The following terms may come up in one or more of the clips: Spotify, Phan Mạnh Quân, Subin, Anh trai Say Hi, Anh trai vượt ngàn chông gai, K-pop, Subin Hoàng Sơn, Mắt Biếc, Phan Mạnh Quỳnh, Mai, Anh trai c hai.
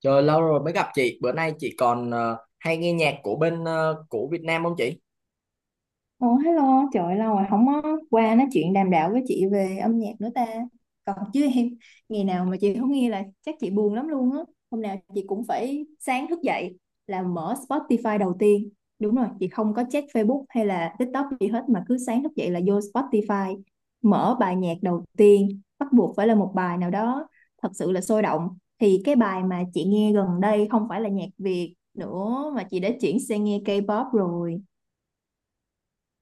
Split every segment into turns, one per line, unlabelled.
Trời lâu rồi mới gặp chị, bữa nay chị còn hay nghe nhạc của bên của Việt Nam không chị?
Ồ, hello, trời ơi, lâu rồi không có qua nói chuyện đàm đạo với chị về âm nhạc nữa ta. Còn chứ em, ngày nào mà chị không nghe là chắc chị buồn lắm luôn á. Hôm nào chị cũng phải sáng thức dậy là mở Spotify đầu tiên. Đúng rồi, chị không có check Facebook hay là TikTok gì hết mà cứ sáng thức dậy là vô Spotify, mở bài nhạc đầu tiên, bắt buộc phải là một bài nào đó thật sự là sôi động. Thì cái bài mà chị nghe gần đây không phải là nhạc Việt nữa mà chị đã chuyển sang nghe K-pop rồi.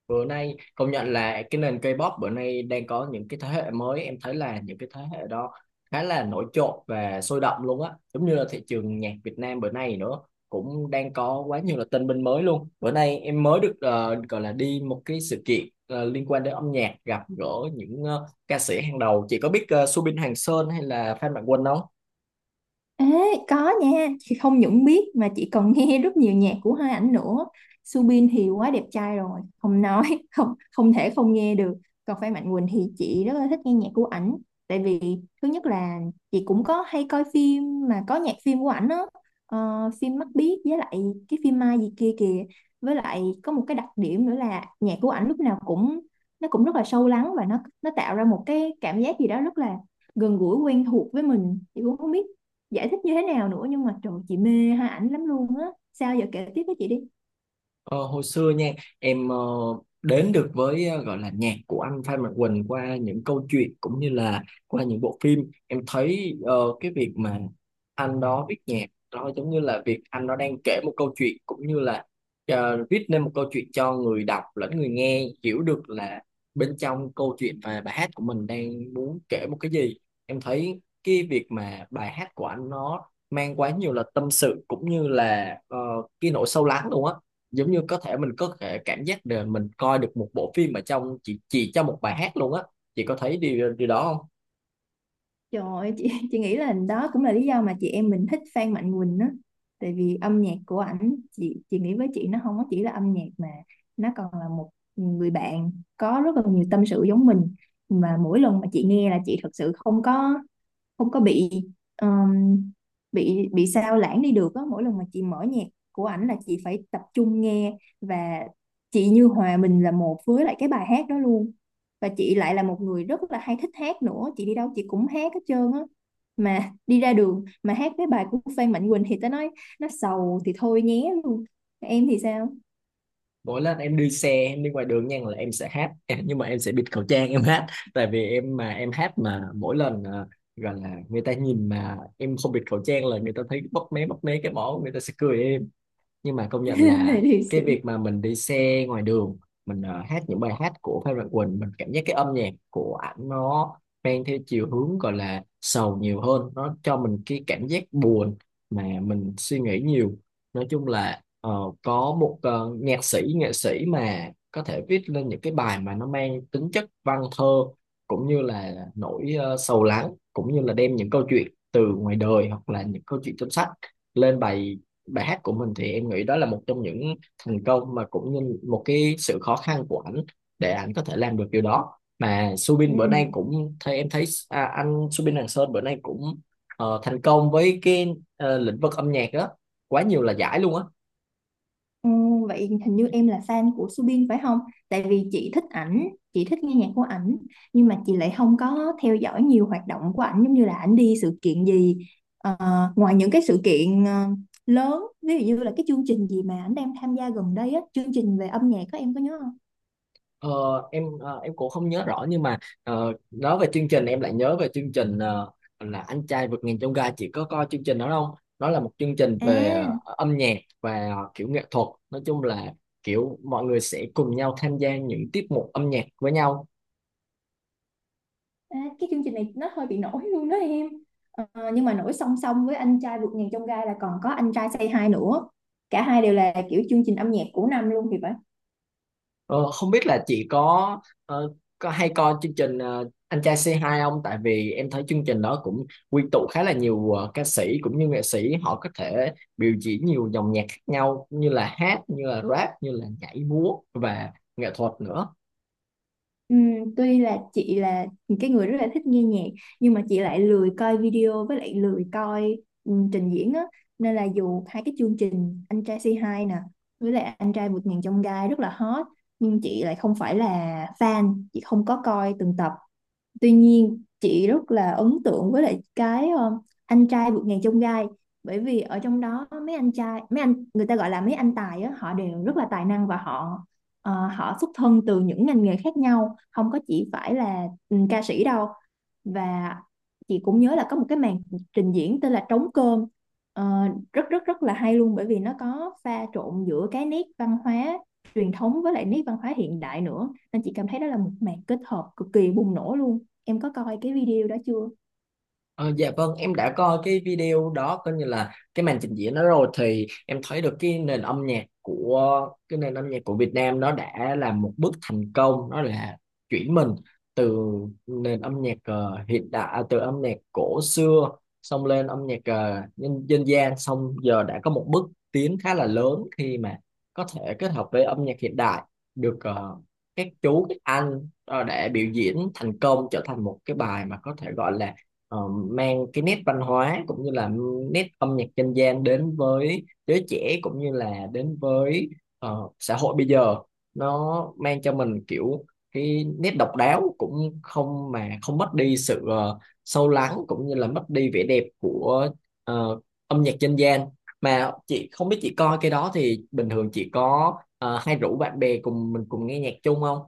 Bữa nay công nhận là cái nền K-pop bữa nay đang có những cái thế hệ mới, em thấy là những cái thế hệ đó khá là nổi trội và sôi động luôn á, giống như là thị trường nhạc Việt Nam bữa nay nữa cũng đang có quá nhiều là tân binh mới luôn. Bữa nay em mới được gọi là đi một cái sự kiện liên quan đến âm nhạc, gặp gỡ những ca sĩ hàng đầu. Chị có biết Subin Hoàng Sơn hay là Phan Mạnh Quân không?
Ê, có nha, chị không những biết mà chị còn nghe rất nhiều nhạc của hai ảnh nữa. Subin thì quá đẹp trai rồi, không nói, không không thể không nghe được. Còn Phan Mạnh Quỳnh thì chị rất là thích nghe nhạc của ảnh. Tại vì thứ nhất là chị cũng có hay coi phim mà có nhạc phim của ảnh á. Phim Mắt Biếc với lại cái phim Mai gì kia kìa. Với lại có một cái đặc điểm nữa là nhạc của ảnh lúc nào cũng nó cũng rất là sâu lắng và nó tạo ra một cái cảm giác gì đó rất là gần gũi quen thuộc với mình. Chị cũng không biết giải thích như thế nào nữa, nhưng mà trời, chị mê hai ảnh lắm luôn á. Sao giờ kể tiếp với chị đi.
Ờ, hồi xưa nha, em đến được với gọi là nhạc của anh Phan Mạnh Quỳnh qua những câu chuyện cũng như là qua những bộ phim. Em thấy cái việc mà anh đó viết nhạc đó giống như là việc anh đó đang kể một câu chuyện cũng như là viết nên một câu chuyện cho người đọc lẫn người nghe hiểu được là bên trong câu chuyện và bài hát của mình đang muốn kể một cái gì. Em thấy cái việc mà bài hát của anh nó mang quá nhiều là tâm sự cũng như là cái nỗi sâu lắng luôn á, giống như có thể mình có thể cảm giác được mình coi được một bộ phim ở trong chỉ trong một bài hát luôn á. Chị có thấy điều điều đó không?
Trời ơi, chị chị nghĩ là đó cũng là lý do mà chị em mình thích Phan Mạnh Quỳnh á. Tại vì âm nhạc của ảnh, chị nghĩ với chị nó không có chỉ là âm nhạc mà nó còn là một người bạn có rất là nhiều tâm sự giống mình. Mà mỗi lần mà chị nghe là chị thật sự không có bị um, bị sao lãng đi được á. Mỗi lần mà chị mở nhạc của ảnh là chị phải tập trung nghe, và chị như hòa mình là một với lại cái bài hát đó luôn. Và chị lại là một người rất là hay thích hát nữa, chị đi đâu chị cũng hát hết trơn á. Mà đi ra đường mà hát cái bài của Phan Mạnh Quỳnh thì tao nói nó sầu thì thôi nhé luôn. Em thì sao?
Mỗi lần em đi xe, em đi ngoài đường nha, là em sẽ hát nhưng mà em sẽ bịt khẩu trang em hát. Tại vì em mà em hát mà mỗi lần gọi là người ta nhìn mà em không bịt khẩu trang là người ta thấy bóp mé, bóp mé cái mỏ, người ta sẽ cười em. Nhưng mà công nhận là
Thì
cái
sự
việc mà mình đi xe ngoài đường, mình hát những bài hát của Phan Mạnh Quỳnh, mình cảm giác cái âm nhạc của ảnh nó mang theo chiều hướng gọi là sầu nhiều hơn, nó cho mình cái cảm giác buồn mà mình suy nghĩ nhiều. Nói chung là có một nhạc sĩ, nghệ sĩ mà có thể viết lên những cái bài mà nó mang tính chất văn thơ cũng như là nỗi sầu lắng, cũng như là đem những câu chuyện từ ngoài đời hoặc là những câu chuyện trong sách lên bài bài hát của mình, thì em nghĩ đó là một trong những thành công mà cũng như một cái sự khó khăn của ảnh để ảnh có thể làm được điều đó. Mà
ừ.
Subin bữa nay cũng thấy, em thấy anh Subin Hoàng Sơn bữa nay cũng thành công với cái lĩnh vực âm nhạc đó, quá nhiều là giải luôn á.
Ừ, vậy hình như em là fan của Subin phải không? Tại vì chị thích ảnh, chị thích nghe nhạc của ảnh, nhưng mà chị lại không có theo dõi nhiều hoạt động của ảnh giống như là ảnh đi sự kiện gì. Ờ, ngoài những cái sự kiện lớn, ví dụ như là cái chương trình gì mà ảnh đang tham gia gần đây á, chương trình về âm nhạc, có em có nhớ không?
Ờ, em em cũng không nhớ rõ nhưng mà nói về chương trình em lại nhớ về chương trình là Anh trai vượt ngàn chông gai. Chị có coi chương trình đó không? Đó là một chương trình về
À,
âm nhạc và kiểu nghệ thuật, nói chung là kiểu mọi người sẽ cùng nhau tham gia những tiết mục âm nhạc với nhau.
à cái chương trình này nó hơi bị nổi luôn đó em. Ờ, nhưng mà nổi song song với anh trai vượt ngàn chông gai là còn có anh trai Say Hi nữa. Cả hai đều là kiểu chương trình âm nhạc của năm luôn thì phải.
Ờ, không biết là chị có ờ, có hay coi chương trình Anh trai c hai không? Tại vì em thấy chương trình đó cũng quy tụ khá là nhiều ca sĩ cũng như nghệ sĩ, họ có thể biểu diễn nhiều dòng nhạc khác nhau, như là hát, như là rap, như là nhảy múa và nghệ thuật nữa.
Tuy là chị là cái người rất là thích nghe nhạc nhưng mà chị lại lười coi video với lại lười coi, trình diễn á, nên là dù hai cái chương trình Anh trai Say Hi nè với lại Anh trai vượt ngàn chông gai rất là hot nhưng chị lại không phải là fan, chị không có coi từng tập. Tuy nhiên chị rất là ấn tượng với lại cái anh trai vượt ngàn chông gai, bởi vì ở trong đó mấy anh trai, mấy anh người ta gọi là mấy anh tài á, họ đều rất là tài năng, và họ họ xuất thân từ những ngành nghề khác nhau không có chỉ phải là ừ, ca sĩ đâu. Và chị cũng nhớ là có một cái màn trình diễn tên là trống cơm. Ờ, rất rất rất là hay luôn bởi vì nó có pha trộn giữa cái nét văn hóa truyền thống với lại nét văn hóa hiện đại nữa, nên chị cảm thấy đó là một màn kết hợp cực kỳ bùng nổ luôn. Em có coi cái video đó chưa?
Ờ, dạ vâng, em đã coi cái video đó, coi như là cái màn trình diễn đó rồi, thì em thấy được cái nền âm nhạc của Việt Nam nó đã làm một bước thành công, nó là chuyển mình từ nền âm nhạc hiện đại từ âm nhạc cổ xưa xong lên âm nhạc dân gian, xong giờ đã có một bước tiến khá là lớn khi mà có thể kết hợp với âm nhạc hiện đại được. Ờ, các chú, các anh đã biểu diễn thành công, trở thành một cái bài mà có thể gọi là mang cái nét văn hóa cũng như là nét âm nhạc dân gian đến với giới trẻ cũng như là đến với xã hội bây giờ. Nó mang cho mình kiểu cái nét độc đáo cũng không mất đi sự sâu lắng cũng như là mất đi vẻ đẹp của ờ, âm nhạc dân gian. Mà chị không biết, chị coi cái đó thì bình thường chị có hay rủ bạn bè cùng mình cùng nghe nhạc chung không?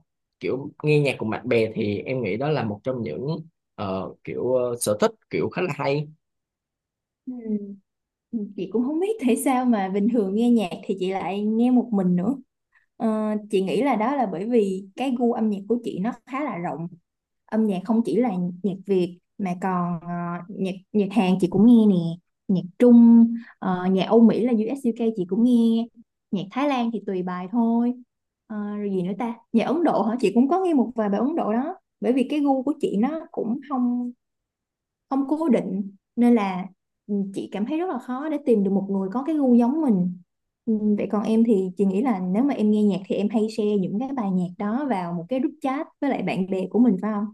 Kiểu nghe nhạc cùng bạn bè thì em nghĩ đó là một trong những kiểu sở thích kiểu khá là hay.
Ừ. Ừ, chị cũng không biết tại sao mà bình thường nghe nhạc thì chị lại nghe một mình nữa. Ờ, chị nghĩ là đó là bởi vì cái gu âm nhạc của chị nó khá là rộng. Âm nhạc không chỉ là nhạc Việt mà còn ờ, nhạc nhạc Hàn chị cũng nghe nè, nhạc Trung, ờ, nhạc Âu Mỹ là US UK chị cũng nghe, nhạc Thái Lan thì tùy bài thôi. Ờ, rồi gì nữa ta? Nhạc Ấn Độ hả? Chị cũng có nghe một vài bài Ấn Độ đó. Bởi vì cái gu của chị nó cũng không không cố định, nên là ừ, chị cảm thấy rất là khó để tìm được một người có cái gu giống mình. Ừ, vậy còn em thì chị nghĩ là nếu mà em nghe nhạc thì em hay share những cái bài nhạc đó vào một cái group chat với lại bạn bè của mình phải không?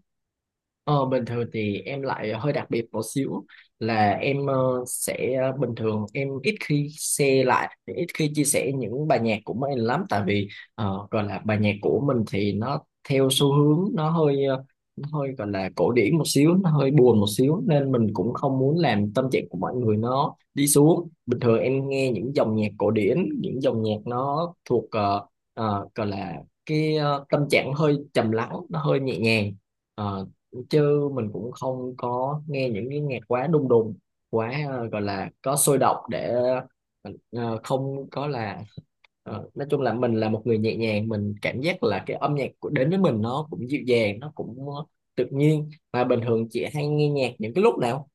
Ờ, bình thường thì em lại hơi đặc biệt một xíu, là em sẽ bình thường em ít khi share lại, ít khi chia sẻ những bài nhạc của mình lắm, tại vì gọi là bài nhạc của mình thì nó theo xu hướng, nó hơi nó hơi gọi là cổ điển một xíu, nó hơi buồn một xíu, nên mình cũng không muốn làm tâm trạng của mọi người nó đi xuống. Bình thường em nghe những dòng nhạc cổ điển, những dòng nhạc nó thuộc gọi là cái tâm trạng hơi trầm lắng, nó hơi nhẹ nhàng. Ờ, chứ mình cũng không có nghe những cái nhạc quá đùng đùng, quá gọi là có sôi động, để mình không có là nói chung là mình là một người nhẹ nhàng, mình cảm giác là cái âm nhạc của đến với mình nó cũng dịu dàng, nó cũng tự nhiên. Mà bình thường chị hay nghe nhạc những cái lúc nào?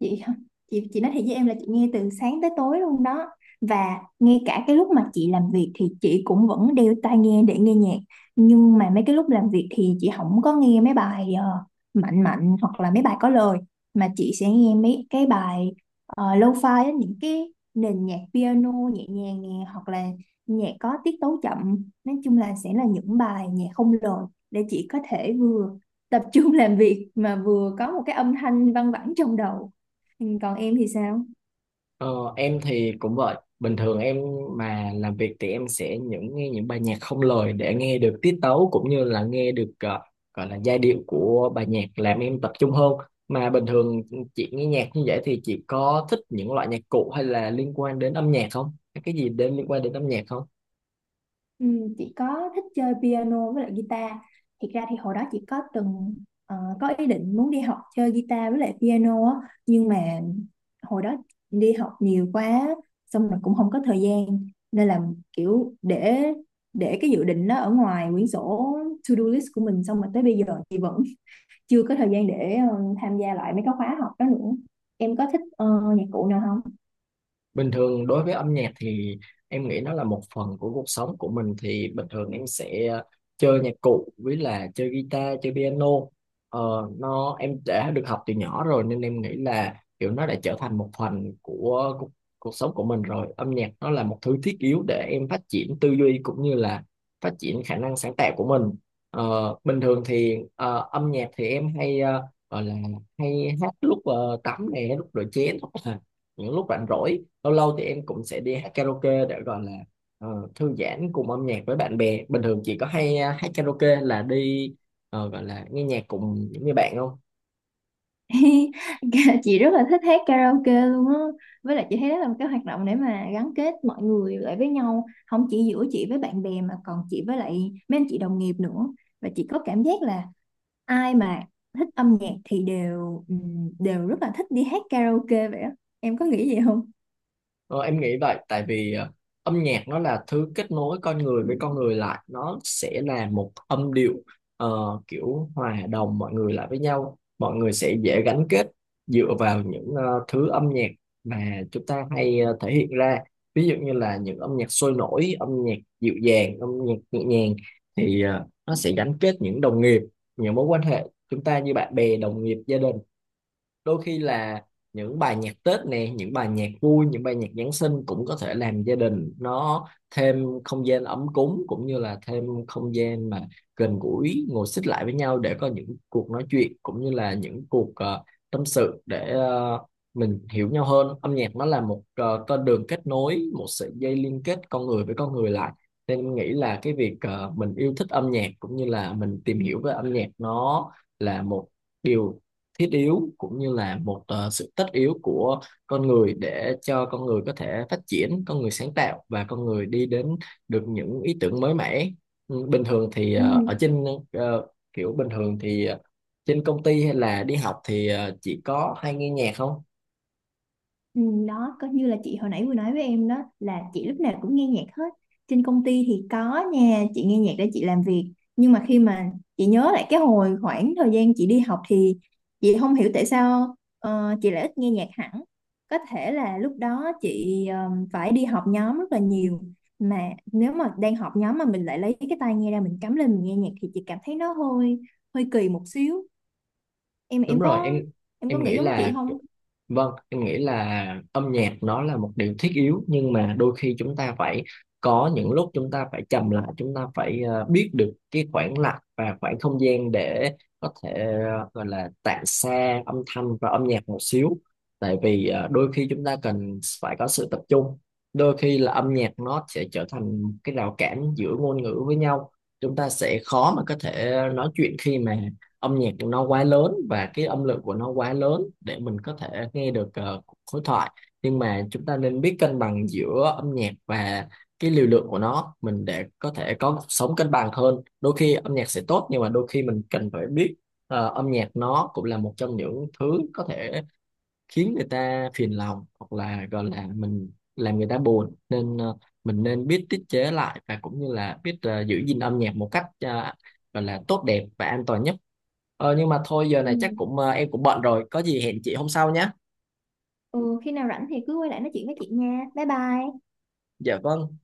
Chị không, chị nói thiệt với em là chị nghe từ sáng tới tối luôn đó, và ngay cả cái lúc mà chị làm việc thì chị cũng vẫn đeo tai nghe để nghe nhạc. Nhưng mà mấy cái lúc làm việc thì chị không có nghe mấy bài ờ, mạnh mạnh hoặc là mấy bài có lời, mà chị sẽ nghe mấy cái bài lo-fi á, những cái nền nhạc piano nhẹ nhàng nè, hoặc là nhạc có tiết tấu chậm. Nói chung là sẽ là những bài nhạc không lời để chị có thể vừa tập trung làm việc mà vừa có một cái âm thanh văng vẳng trong đầu. Ừ, còn em thì sao?
Ờ, em thì cũng vậy, bình thường em mà làm việc thì em sẽ nghe những bài nhạc không lời, để nghe được tiết tấu cũng như là nghe được gọi là giai điệu của bài nhạc, làm em tập trung hơn. Mà bình thường chị nghe nhạc như vậy thì chị có thích những loại nhạc cụ hay là liên quan đến âm nhạc không? Cái gì đến liên quan đến âm nhạc không?
Ừ, chị có thích chơi piano với lại guitar. Thiệt ra thì hồi đó chị có từng ờ, có ý định muốn đi học chơi guitar với lại piano á, nhưng mà hồi đó đi học nhiều quá, xong rồi cũng không có thời gian, nên là kiểu để cái dự định đó ở ngoài quyển sổ to-do list của mình, xong rồi tới bây giờ chị vẫn chưa có thời gian để ờ, tham gia lại mấy cái khóa học đó nữa. Em có thích ờ, nhạc cụ nào không?
Bình thường đối với âm nhạc thì em nghĩ nó là một phần của cuộc sống của mình, thì bình thường em sẽ chơi nhạc cụ, với là chơi guitar, chơi piano. Ờ, nó em đã được học từ nhỏ rồi nên em nghĩ là kiểu nó đã trở thành một phần của cuộc sống của mình rồi. Âm nhạc nó là một thứ thiết yếu để em phát triển tư duy cũng như là phát triển khả năng sáng tạo của mình. Ờ, bình thường thì âm nhạc thì em hay gọi là hay hát lúc tắm nè, lúc rửa chén, những lúc rảnh rỗi. Lâu lâu thì em cũng sẽ đi hát karaoke để gọi là thư giãn cùng âm nhạc với bạn bè. Bình thường chị có hay hát karaoke là đi gọi là nghe nhạc cùng những người bạn không?
Chị rất là thích hát karaoke luôn á, với lại chị thấy đó là một cái hoạt động để mà gắn kết mọi người lại với nhau, không chỉ giữa chị với bạn bè mà còn chị với lại mấy anh chị đồng nghiệp nữa. Và chị có cảm giác là ai mà thích âm nhạc thì đều đều rất là thích đi hát karaoke vậy á. Em có nghĩ vậy không?
Ờ, em nghĩ vậy, tại vì âm nhạc nó là thứ kết nối con người với con người lại, nó sẽ là một âm điệu ờ, kiểu hòa đồng mọi người lại với nhau, mọi người sẽ dễ gắn kết dựa vào những thứ âm nhạc mà chúng ta hay thể hiện ra. Ví dụ như là những âm nhạc sôi nổi, âm nhạc dịu dàng, âm nhạc nhẹ nhàng, thì nó sẽ gắn kết những đồng nghiệp, những mối quan hệ chúng ta như bạn bè, đồng nghiệp, gia đình. Đôi khi là những bài nhạc Tết nè, những bài nhạc vui, những bài nhạc Giáng sinh cũng có thể làm gia đình nó thêm không gian ấm cúng, cũng như là thêm không gian mà gần gũi, ngồi xích lại với nhau để có những cuộc nói chuyện cũng như là những cuộc tâm sự để mình hiểu nhau hơn. Âm nhạc nó là một con đường kết nối, một sợi dây liên kết con người với con người lại, nên em nghĩ là cái việc mình yêu thích âm nhạc cũng như là mình tìm hiểu về âm nhạc nó là một điều thiết yếu, cũng như là một sự tất yếu của con người, để cho con người có thể phát triển, con người sáng tạo và con người đi đến được những ý tưởng mới mẻ. Ừ, bình thường thì
Ừ.
ở trên ờ, kiểu bình thường thì trên công ty hay là đi học thì chỉ có hay nghe nhạc không?
Ừ, đó có như là chị hồi nãy vừa nói với em đó, là chị lúc nào cũng nghe nhạc hết. Trên công ty thì có nha, chị nghe nhạc để chị làm việc, nhưng mà khi mà chị nhớ lại cái hồi khoảng thời gian chị đi học thì chị không hiểu tại sao ờ, chị lại ít nghe nhạc hẳn. Có thể là lúc đó chị ờ, phải đi họp nhóm rất là nhiều, mà nếu mà đang họp nhóm mà mình lại lấy cái tai nghe ra mình cắm lên mình nghe nhạc thì chị cảm thấy nó hơi hơi kỳ một xíu. em
Đúng
em
rồi em.
có em có
Em
nghĩ
nghĩ
giống chị
là,
không?
vâng, em nghĩ là âm nhạc nó là một điều thiết yếu, nhưng mà đôi khi chúng ta phải có những lúc chúng ta phải trầm lại, chúng ta phải biết được cái khoảng lặng và khoảng không gian để có thể gọi là tản xa âm thanh và âm nhạc một xíu. Tại vì đôi khi chúng ta cần phải có sự tập trung, đôi khi là âm nhạc nó sẽ trở thành cái rào cản giữa ngôn ngữ với nhau, chúng ta sẽ khó mà có thể nói chuyện khi mà âm nhạc của nó quá lớn và cái âm lượng của nó quá lớn để mình có thể nghe được khối thoại. Nhưng mà chúng ta nên biết cân bằng giữa âm nhạc và cái liều lượng của nó mình, để có thể có cuộc sống cân bằng hơn. Đôi khi âm nhạc sẽ tốt, nhưng mà đôi khi mình cần phải biết, âm nhạc nó cũng là một trong những thứ có thể khiến người ta phiền lòng, hoặc là gọi là mình làm người ta buồn, nên mình nên biết tiết chế lại và cũng như là biết giữ gìn âm nhạc một cách gọi là tốt đẹp và an toàn nhất. Ờ, nhưng mà thôi giờ này chắc
Ừ.
cũng em cũng bận rồi, có gì hẹn chị hôm sau nhé.
Ừ, khi nào rảnh thì cứ quay lại nói chuyện với chị nha. Bye bye.
Dạ vâng.